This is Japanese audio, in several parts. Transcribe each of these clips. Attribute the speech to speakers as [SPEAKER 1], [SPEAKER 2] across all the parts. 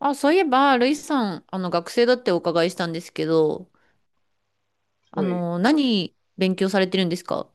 [SPEAKER 1] あ、そういえば、ルイさん、学生だってお伺いしたんですけど、
[SPEAKER 2] はい。
[SPEAKER 1] 何勉強されてるんですか？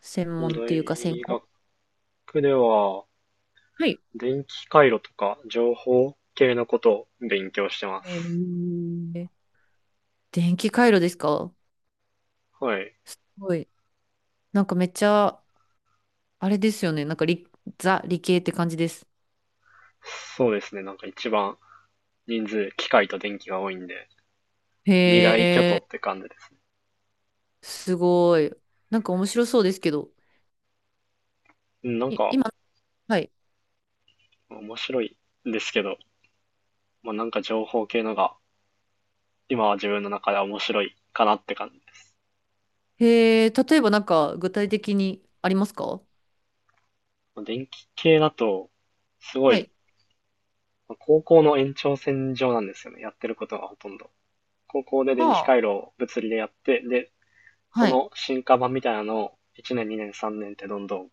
[SPEAKER 1] 専
[SPEAKER 2] 大
[SPEAKER 1] 門というか専攻？
[SPEAKER 2] 学では、
[SPEAKER 1] はい。
[SPEAKER 2] 電気回路とか情報系のことを勉強してま
[SPEAKER 1] え
[SPEAKER 2] す。
[SPEAKER 1] ー、電気回路ですか？
[SPEAKER 2] はい。
[SPEAKER 1] すごい。なんかめっちゃ、あれですよね。なんかザ、理系って感じです。
[SPEAKER 2] そうですね。なんか一番人数、機械と電気が多いんで、
[SPEAKER 1] へ
[SPEAKER 2] 二大巨頭
[SPEAKER 1] え、
[SPEAKER 2] って感じですね。
[SPEAKER 1] すごい。なんか面白そうですけど。
[SPEAKER 2] うん。なんか、
[SPEAKER 1] 今、はい。
[SPEAKER 2] 面白いんですけど、まあ、なんか情報系のが、今は自分の中では面白いかなって感じです。
[SPEAKER 1] へえ、例えばなんか具体的にありますか？
[SPEAKER 2] まあ、電気系だと、すご
[SPEAKER 1] は
[SPEAKER 2] い、
[SPEAKER 1] い。
[SPEAKER 2] まあ高校の延長線上なんですよね。やってることがほとんど。高校で電気
[SPEAKER 1] はあ。
[SPEAKER 2] 回路を物理でやって、で、そ
[SPEAKER 1] はい。
[SPEAKER 2] の進化版みたいなのを1年、2年、3年ってどんどん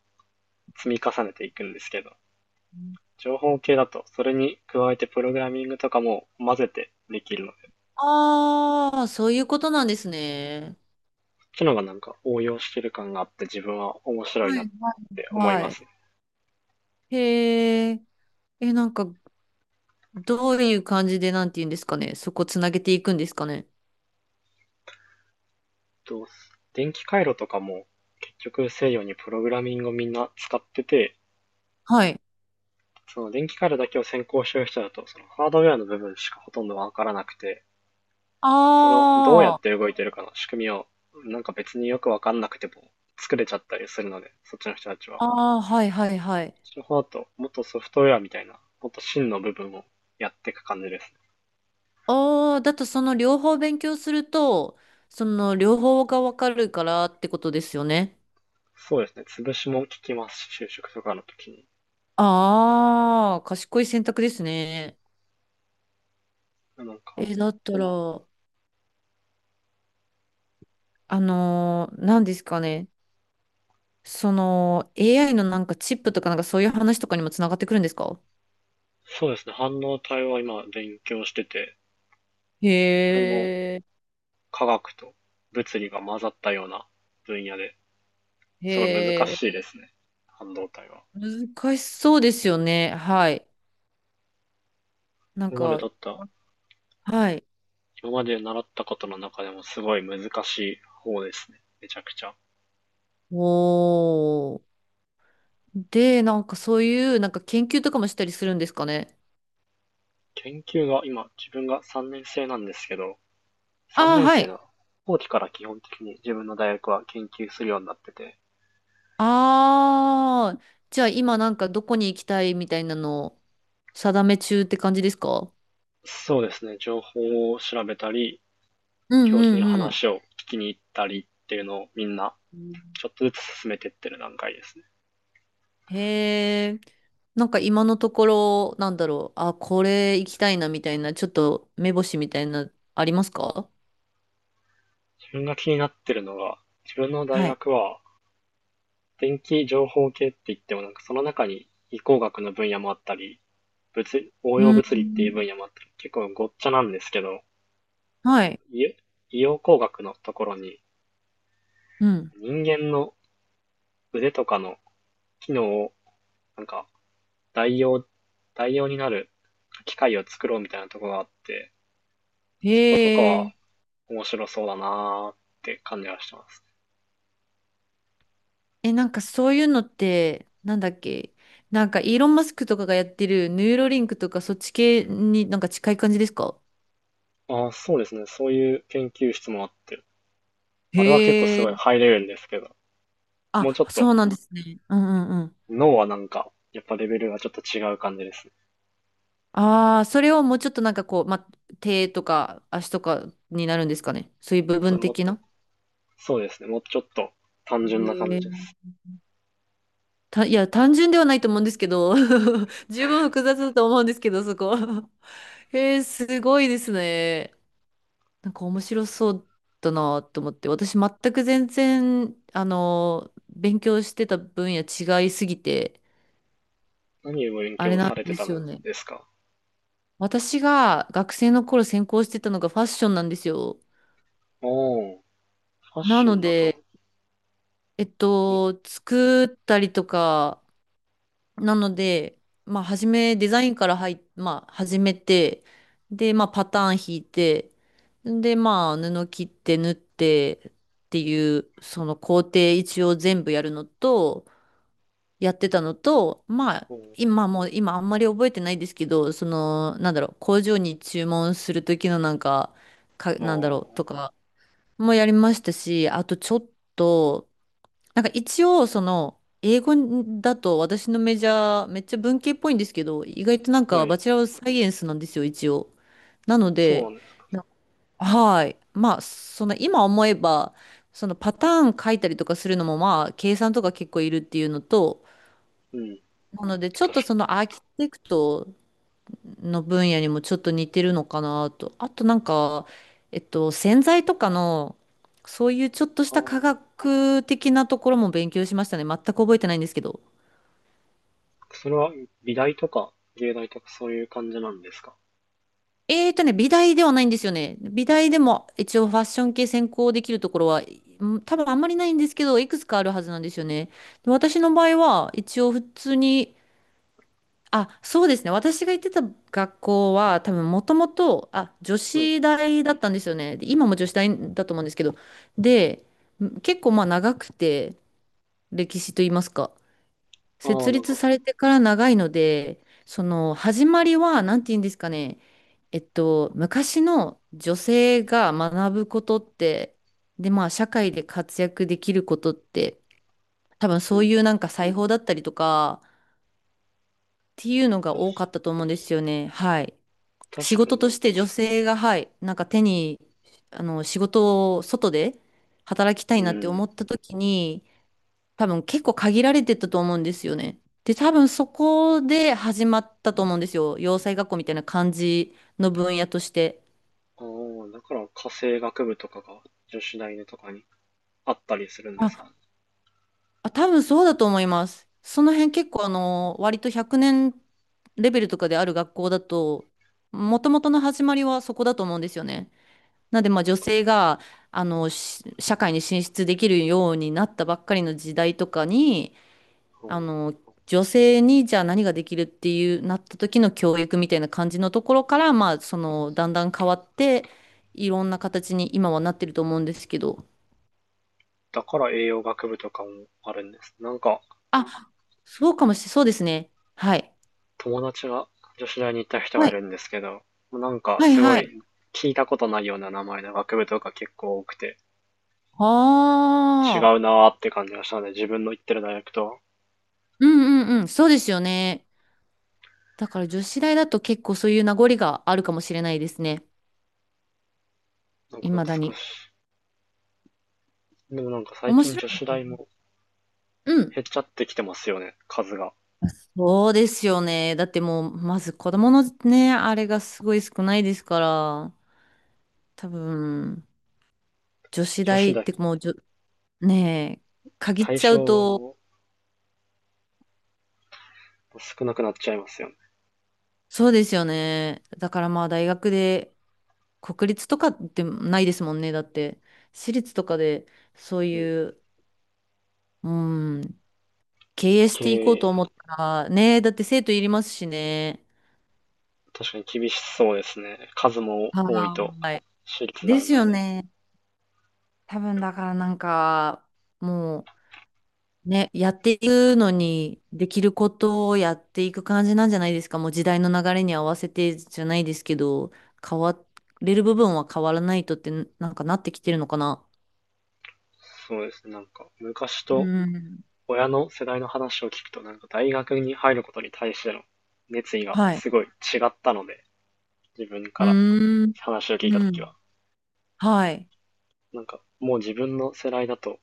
[SPEAKER 2] 積み重ねていくんですけど、情報系だとそれに加えてプログラミングとかも混ぜてできるので、
[SPEAKER 1] ああ、そういうことな
[SPEAKER 2] そ
[SPEAKER 1] んです
[SPEAKER 2] っ
[SPEAKER 1] ね。
[SPEAKER 2] ちのがなんか応用してる感があって自分は面白い
[SPEAKER 1] は
[SPEAKER 2] なっ
[SPEAKER 1] い、は
[SPEAKER 2] て
[SPEAKER 1] い
[SPEAKER 2] 思いま
[SPEAKER 1] は
[SPEAKER 2] す
[SPEAKER 1] い。
[SPEAKER 2] ね。
[SPEAKER 1] へえ、え、なんか、どういう感じで、なんて言うんですかね。そこつなげていくんですかね？
[SPEAKER 2] 電気回路とかも結局西洋にプログラミングをみんな使ってて、
[SPEAKER 1] はい。
[SPEAKER 2] その電気回路だけを先行してる人だと、そのハードウェアの部分しかほとんどわからなくて、その、どうや
[SPEAKER 1] あ
[SPEAKER 2] って動いてるかの仕組みを、なんか別によくわかんなくても作れちゃったりするので、そっちの人たちは。こ
[SPEAKER 1] あ、ああ、はいはいはい。
[SPEAKER 2] っちの方だと、もっとソフトウェアみたいな、もっと真の部分をやっていく感じですね。
[SPEAKER 1] ああ、だとその両方勉強すると、その両方がわかるからってことですよね。
[SPEAKER 2] そうですね。潰しも聞きますし、就職とかの時に。
[SPEAKER 1] ああ、賢い選択ですね。
[SPEAKER 2] なんか、
[SPEAKER 1] え、だったら、何ですかね。その AI のなんかチップとかなんかそういう話とかにもつながってくるんですか？
[SPEAKER 2] そうですね。半導体は今勉強してて、これ
[SPEAKER 1] へ
[SPEAKER 2] も
[SPEAKER 1] え、
[SPEAKER 2] 科学と物理が混ざったような分野ですごい難
[SPEAKER 1] へえ、
[SPEAKER 2] しいですね。半導体は。
[SPEAKER 1] 難しそうですよね。はい。なん
[SPEAKER 2] 今まで
[SPEAKER 1] か、
[SPEAKER 2] 取った
[SPEAKER 1] はい。
[SPEAKER 2] 今まで習ったことの中でもすごい難しい方ですね。めちゃくちゃ。
[SPEAKER 1] おー。で、なんかそういうなんか研究とかもしたりするんですかね？
[SPEAKER 2] 研究が今、自分が3年生なんですけど、3
[SPEAKER 1] ああ、
[SPEAKER 2] 年
[SPEAKER 1] は
[SPEAKER 2] 生
[SPEAKER 1] い。
[SPEAKER 2] の後期から基本的に自分の大学は研究するようになってて、
[SPEAKER 1] ああ、じゃあ今なんかどこに行きたいみたいなのを定め中って感じですか？
[SPEAKER 2] そうですね、情報を調べたり、
[SPEAKER 1] う
[SPEAKER 2] 教授に
[SPEAKER 1] んうん
[SPEAKER 2] 話を聞きに行ったりっていうのをみんな
[SPEAKER 1] うん。
[SPEAKER 2] ちょっとずつ進めていってる段階ですね。
[SPEAKER 1] へえ、なんか今のところ、なんだろう、あ、これ行きたいなみたいな、ちょっと目星みたいな、ありますか？
[SPEAKER 2] 自分が気になってるのが、自分の大
[SPEAKER 1] はい。
[SPEAKER 2] 学は電気情報系って言ってもなんかその中に理工学の分野もあったり、物応用
[SPEAKER 1] う
[SPEAKER 2] 物理っていう
[SPEAKER 1] ん。
[SPEAKER 2] 分野もあって、結構ごっちゃなんですけど、
[SPEAKER 1] はい。
[SPEAKER 2] 医医療工学のところに
[SPEAKER 1] うん。
[SPEAKER 2] 人間の腕とかの機能をなんか代用、代用になる機械を作ろうみたいなところがあって、そことか
[SPEAKER 1] へ
[SPEAKER 2] は
[SPEAKER 1] え。
[SPEAKER 2] 面白そうだなーって感じがしてます。
[SPEAKER 1] え、なんかそういうのって、なんだっけ、なんかイーロン・マスクとかがやってるヌーロリンクとかそっち系になんか近い感じですか？
[SPEAKER 2] ああ、そうですね。そういう研究室もあって、あれは結構す
[SPEAKER 1] へ
[SPEAKER 2] ごい
[SPEAKER 1] え。
[SPEAKER 2] ハイレベルですけど、もうち
[SPEAKER 1] あ、
[SPEAKER 2] ょっと
[SPEAKER 1] そうなんですね。うんうんうん。
[SPEAKER 2] 脳はなんか、やっぱレベルがちょっと違う感じですね。
[SPEAKER 1] ああ、それをもうちょっとなんかこう、ま、手とか足とかになるんですかね？そういう部
[SPEAKER 2] そ
[SPEAKER 1] 分
[SPEAKER 2] れもっ
[SPEAKER 1] 的
[SPEAKER 2] と
[SPEAKER 1] な。
[SPEAKER 2] そうですね。もうちょっと単純な感
[SPEAKER 1] え
[SPEAKER 2] じです。
[SPEAKER 1] ーた、いや、単純ではないと思うんですけど、十分複雑だと思うんですけど、そこ。へえ、すごいですね。なんか面白そうだなと思って、私全く全然、勉強してた分野違いすぎて、
[SPEAKER 2] 何を勉
[SPEAKER 1] あれ
[SPEAKER 2] 強
[SPEAKER 1] な
[SPEAKER 2] さ
[SPEAKER 1] ん
[SPEAKER 2] れて
[SPEAKER 1] で
[SPEAKER 2] た
[SPEAKER 1] す
[SPEAKER 2] ん
[SPEAKER 1] よね。
[SPEAKER 2] ですか？
[SPEAKER 1] 私が学生の頃専攻してたのがファッションなんですよ。
[SPEAKER 2] おお、ファッ
[SPEAKER 1] な
[SPEAKER 2] ショ
[SPEAKER 1] の
[SPEAKER 2] ンだと、
[SPEAKER 1] で、
[SPEAKER 2] ん、
[SPEAKER 1] 作ったりとか、なので、まあ、初め、デザインから入っ、まあ、始めて、で、まあ、パターン引いて、で、まあ、布切って縫ってっていう、その工程一応全部やるのと、やってたのと、まあ、
[SPEAKER 2] おー、
[SPEAKER 1] 今もう、今あんまり覚えてないですけど、その、なんだろう、工場に注文する時のなんか、か、なんだろう、と
[SPEAKER 2] あ
[SPEAKER 1] かもやりましたし、あとちょっと、なんか一応、その、英語だと私のメジャー、めっちゃ文系っぽいんですけど、意外となん
[SPEAKER 2] ー、
[SPEAKER 1] か
[SPEAKER 2] は
[SPEAKER 1] バ
[SPEAKER 2] い。
[SPEAKER 1] チェラーサイエンスなんですよ、一応。なの
[SPEAKER 2] そうな
[SPEAKER 1] で、
[SPEAKER 2] んです。
[SPEAKER 1] なはい。まあ、その今思えば、そのパターン書いたりとかするのもまあ、計算とか結構いるっていうのと、
[SPEAKER 2] うん。
[SPEAKER 1] なので、ちょっ
[SPEAKER 2] 確
[SPEAKER 1] と
[SPEAKER 2] か、
[SPEAKER 1] そのアーキテクトの分野にもちょっと似てるのかなと。あとなんか、洗剤とかの、そういうちょっとし
[SPEAKER 2] ああ、
[SPEAKER 1] た科学的なところも勉強しましたね。全く覚えてないんですけど。
[SPEAKER 2] それは美大とか芸大とかそういう感じなんですか？
[SPEAKER 1] 美大ではないんですよね。美大でも一応ファッション系専攻できるところは、うん、多分あんまりないんですけど、いくつかあるはずなんですよね。で私の場合は、一応普通に。あ、そうですね。私が行ってた学校は、多分もともと、あ、女
[SPEAKER 2] はい。
[SPEAKER 1] 子大だったんですよね。で今も女子大だと思うんですけど。で、結構まあ長くて、歴史と言いますか。
[SPEAKER 2] あ
[SPEAKER 1] 設
[SPEAKER 2] あ、なん
[SPEAKER 1] 立
[SPEAKER 2] か、
[SPEAKER 1] されてから長いので、その始まりは、なんて言うんですかね。昔の女性が学ぶことって、で、まあ社会で活躍できることって、多分
[SPEAKER 2] う
[SPEAKER 1] そう
[SPEAKER 2] ん。
[SPEAKER 1] いうなんか裁縫だったりとか、っていうのが
[SPEAKER 2] 確
[SPEAKER 1] 多かったと思うんですよね。はい。
[SPEAKER 2] 確
[SPEAKER 1] 仕
[SPEAKER 2] か
[SPEAKER 1] 事
[SPEAKER 2] にな
[SPEAKER 1] と
[SPEAKER 2] ん
[SPEAKER 1] して女
[SPEAKER 2] か、
[SPEAKER 1] 性が、はい、なんか手に、仕事を外で働きたい
[SPEAKER 2] う
[SPEAKER 1] なって思
[SPEAKER 2] ん。
[SPEAKER 1] った時に、多分結構限られてたと思うんですよね。で、多分そこで始まったと思うんですよ。洋裁学校みたいな感じの分野として。
[SPEAKER 2] ああ、だから家政学部とかが女子大のとかにあったりするんですか
[SPEAKER 1] あ、
[SPEAKER 2] ね。
[SPEAKER 1] あ、多分そうだと思います。その辺結構割と100年レベルとかである学校だと、もともとの始まりはそこだと思うんですよね。なので、まあ、女
[SPEAKER 2] か、
[SPEAKER 1] 性が、社会に進出できるようになったばっかりの時代とかに、
[SPEAKER 2] うん、
[SPEAKER 1] あの、女性にじゃあ何ができるっていうなった時の教育みたいな感じのところから、まあ、その、だんだん変わって、いろんな形に今はなってると思うんですけど。
[SPEAKER 2] だから栄養学部とかもあるんです。なんか、
[SPEAKER 1] あ、そうかもしれ、そうですね。はい。
[SPEAKER 2] 友達が女子大に行った人が
[SPEAKER 1] は
[SPEAKER 2] い
[SPEAKER 1] い、
[SPEAKER 2] るんですけど、なんか
[SPEAKER 1] はい、
[SPEAKER 2] すご
[SPEAKER 1] はい。
[SPEAKER 2] い聞いたことないような名前の学部とか結構多くて、違う
[SPEAKER 1] ああ、
[SPEAKER 2] なーって感じがしたので、自分の行ってる大学とは、
[SPEAKER 1] うんうんうん、そうですよね。だから女子大だと結構そういう名残があるかもしれないですね。
[SPEAKER 2] なん
[SPEAKER 1] い
[SPEAKER 2] か
[SPEAKER 1] まだ
[SPEAKER 2] 少
[SPEAKER 1] に。
[SPEAKER 2] し。でもなんか最
[SPEAKER 1] 面
[SPEAKER 2] 近
[SPEAKER 1] 白い
[SPEAKER 2] 女
[SPEAKER 1] で
[SPEAKER 2] 子
[SPEAKER 1] すよ
[SPEAKER 2] 大
[SPEAKER 1] ね。
[SPEAKER 2] も
[SPEAKER 1] うん。
[SPEAKER 2] 減っちゃってきてますよね、数が。
[SPEAKER 1] そうですよね。だってもう、まず子供のね、あれがすごい少ないですから、多分、女子
[SPEAKER 2] 女子
[SPEAKER 1] 大っ
[SPEAKER 2] 大、
[SPEAKER 1] てもうねえ、限っ
[SPEAKER 2] 対
[SPEAKER 1] ちゃう
[SPEAKER 2] 象
[SPEAKER 1] と、
[SPEAKER 2] も少なくなっちゃいますよね。
[SPEAKER 1] そうですよね。だからまあ大学で、国立とかってないですもんね。だって、私立とかで、そう
[SPEAKER 2] うん。
[SPEAKER 1] いう、うん、経営し
[SPEAKER 2] 経
[SPEAKER 1] ていこうと思
[SPEAKER 2] 営、
[SPEAKER 1] ったら、ねえ、だって生徒いりますしね。
[SPEAKER 2] 確かに厳しそうですね。数も多い
[SPEAKER 1] は
[SPEAKER 2] と、
[SPEAKER 1] ーい。
[SPEAKER 2] 私立
[SPEAKER 1] で
[SPEAKER 2] な
[SPEAKER 1] す
[SPEAKER 2] の
[SPEAKER 1] よ
[SPEAKER 2] で。
[SPEAKER 1] ね。多分だからなんか、もうね、やっていくのに、できることをやっていく感じなんじゃないですか？もう時代の流れに合わせてじゃないですけど、変われる部分は変わらないとって、なんかなってきてるのかな。
[SPEAKER 2] そうですね、なんか昔
[SPEAKER 1] う
[SPEAKER 2] と
[SPEAKER 1] ん。
[SPEAKER 2] 親の世代の話を聞くと、なんか大学に入ることに対しての熱意が
[SPEAKER 1] はい。
[SPEAKER 2] すごい違ったので、自分か
[SPEAKER 1] う
[SPEAKER 2] ら
[SPEAKER 1] ーん。
[SPEAKER 2] 話を聞い
[SPEAKER 1] う
[SPEAKER 2] たとき
[SPEAKER 1] ん。
[SPEAKER 2] は。
[SPEAKER 1] はい。
[SPEAKER 2] なんか、もう自分の世代だと、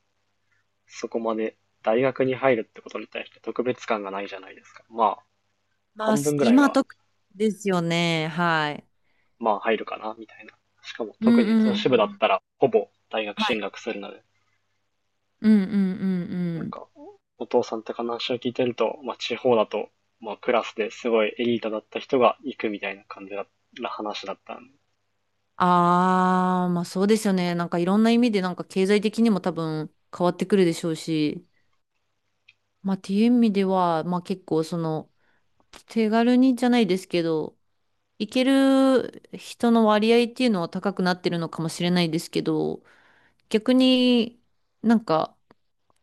[SPEAKER 2] そこまで大学に入るってことに対して特別感がないじゃないですか。まあ、
[SPEAKER 1] まあ、
[SPEAKER 2] 半分ぐらい
[SPEAKER 1] 今
[SPEAKER 2] は、
[SPEAKER 1] と、ですよね。はい。
[SPEAKER 2] まあ入るかな、みたいな。しかも
[SPEAKER 1] うん
[SPEAKER 2] 特
[SPEAKER 1] う
[SPEAKER 2] に
[SPEAKER 1] んう
[SPEAKER 2] 女子部だっ
[SPEAKER 1] ん。
[SPEAKER 2] たら、ほぼ大学
[SPEAKER 1] は
[SPEAKER 2] 進
[SPEAKER 1] い。
[SPEAKER 2] 学するので、
[SPEAKER 1] うんうんうん
[SPEAKER 2] なん
[SPEAKER 1] うん。
[SPEAKER 2] か、お父さんとか話を聞いてると、まあ地方だと、まあクラスですごいエリートだった人が行くみたいな感じだな話だったんで、
[SPEAKER 1] ああ、まあそうですよね。なんかいろんな意味でなんか経済的にも多分変わってくるでしょうし、まあっていう意味では、まあ結構その手軽にじゃないですけど、行ける人の割合っていうのは高くなってるのかもしれないですけど、逆に、なんか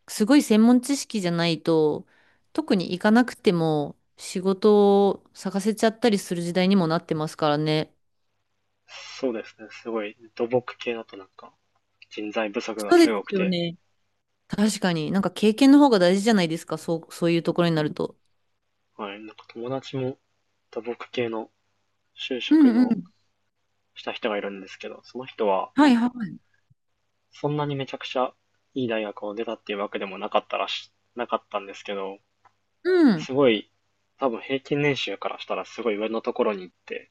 [SPEAKER 1] すごい専門知識じゃないと、特に行かなくても仕事を探せちゃったりする時代にもなってますからね。
[SPEAKER 2] そうですね。すごい、土木系だとなんか人材不足が
[SPEAKER 1] そう
[SPEAKER 2] す
[SPEAKER 1] で
[SPEAKER 2] ごく
[SPEAKER 1] すよ
[SPEAKER 2] て、
[SPEAKER 1] ね。確かに。なんか経験の方が大事じゃないですか？そう、そういうところになると。
[SPEAKER 2] はい。なんか友達も土木系の就
[SPEAKER 1] う
[SPEAKER 2] 職
[SPEAKER 1] んう
[SPEAKER 2] の
[SPEAKER 1] ん。
[SPEAKER 2] した人がいるんですけど、その人は
[SPEAKER 1] はいはい。
[SPEAKER 2] そんなにめちゃくちゃいい大学を出たっていうわけでもなかったなかったんですけど、
[SPEAKER 1] うん。
[SPEAKER 2] すごい、多分平均年収からしたらすごい上のところに行って、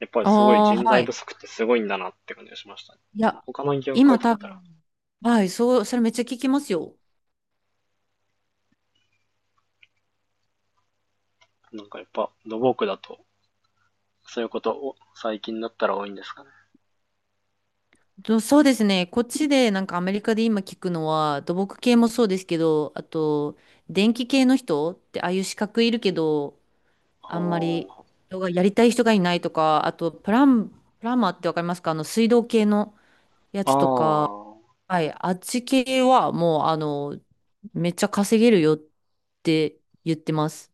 [SPEAKER 2] やっぱりすごい
[SPEAKER 1] あ
[SPEAKER 2] 人
[SPEAKER 1] あ、は
[SPEAKER 2] 材
[SPEAKER 1] い。
[SPEAKER 2] 不足ってすごいんだなって感じがしましたね。
[SPEAKER 1] いや、
[SPEAKER 2] 他の業界
[SPEAKER 1] 今
[SPEAKER 2] だっ
[SPEAKER 1] 多
[SPEAKER 2] たら、
[SPEAKER 1] 分、はい、そう、それめっちゃ聞きますよ。
[SPEAKER 2] なんかやっぱ土木だと、そういうことを最近だったら多いんですかね。
[SPEAKER 1] そうですね。こっちで、なんかアメリカで今聞くのは、土木系もそうですけど、あと、電気系の人って、ああいう資格いるけど、
[SPEAKER 2] あ
[SPEAKER 1] あんまり、
[SPEAKER 2] あ。
[SPEAKER 1] 人がやりたい人がいないとか、あと、プランマーってわかりますか？水道系のや
[SPEAKER 2] あ
[SPEAKER 1] つと。
[SPEAKER 2] あ、
[SPEAKER 1] はい、あっち系はもう、めっちゃ稼げるよって言ってます。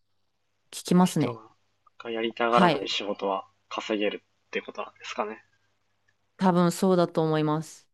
[SPEAKER 1] 聞きますね。
[SPEAKER 2] 人がやりたがら
[SPEAKER 1] は
[SPEAKER 2] ない
[SPEAKER 1] い、
[SPEAKER 2] 仕事は稼げるってことなんですかね。
[SPEAKER 1] 多分そうだと思います。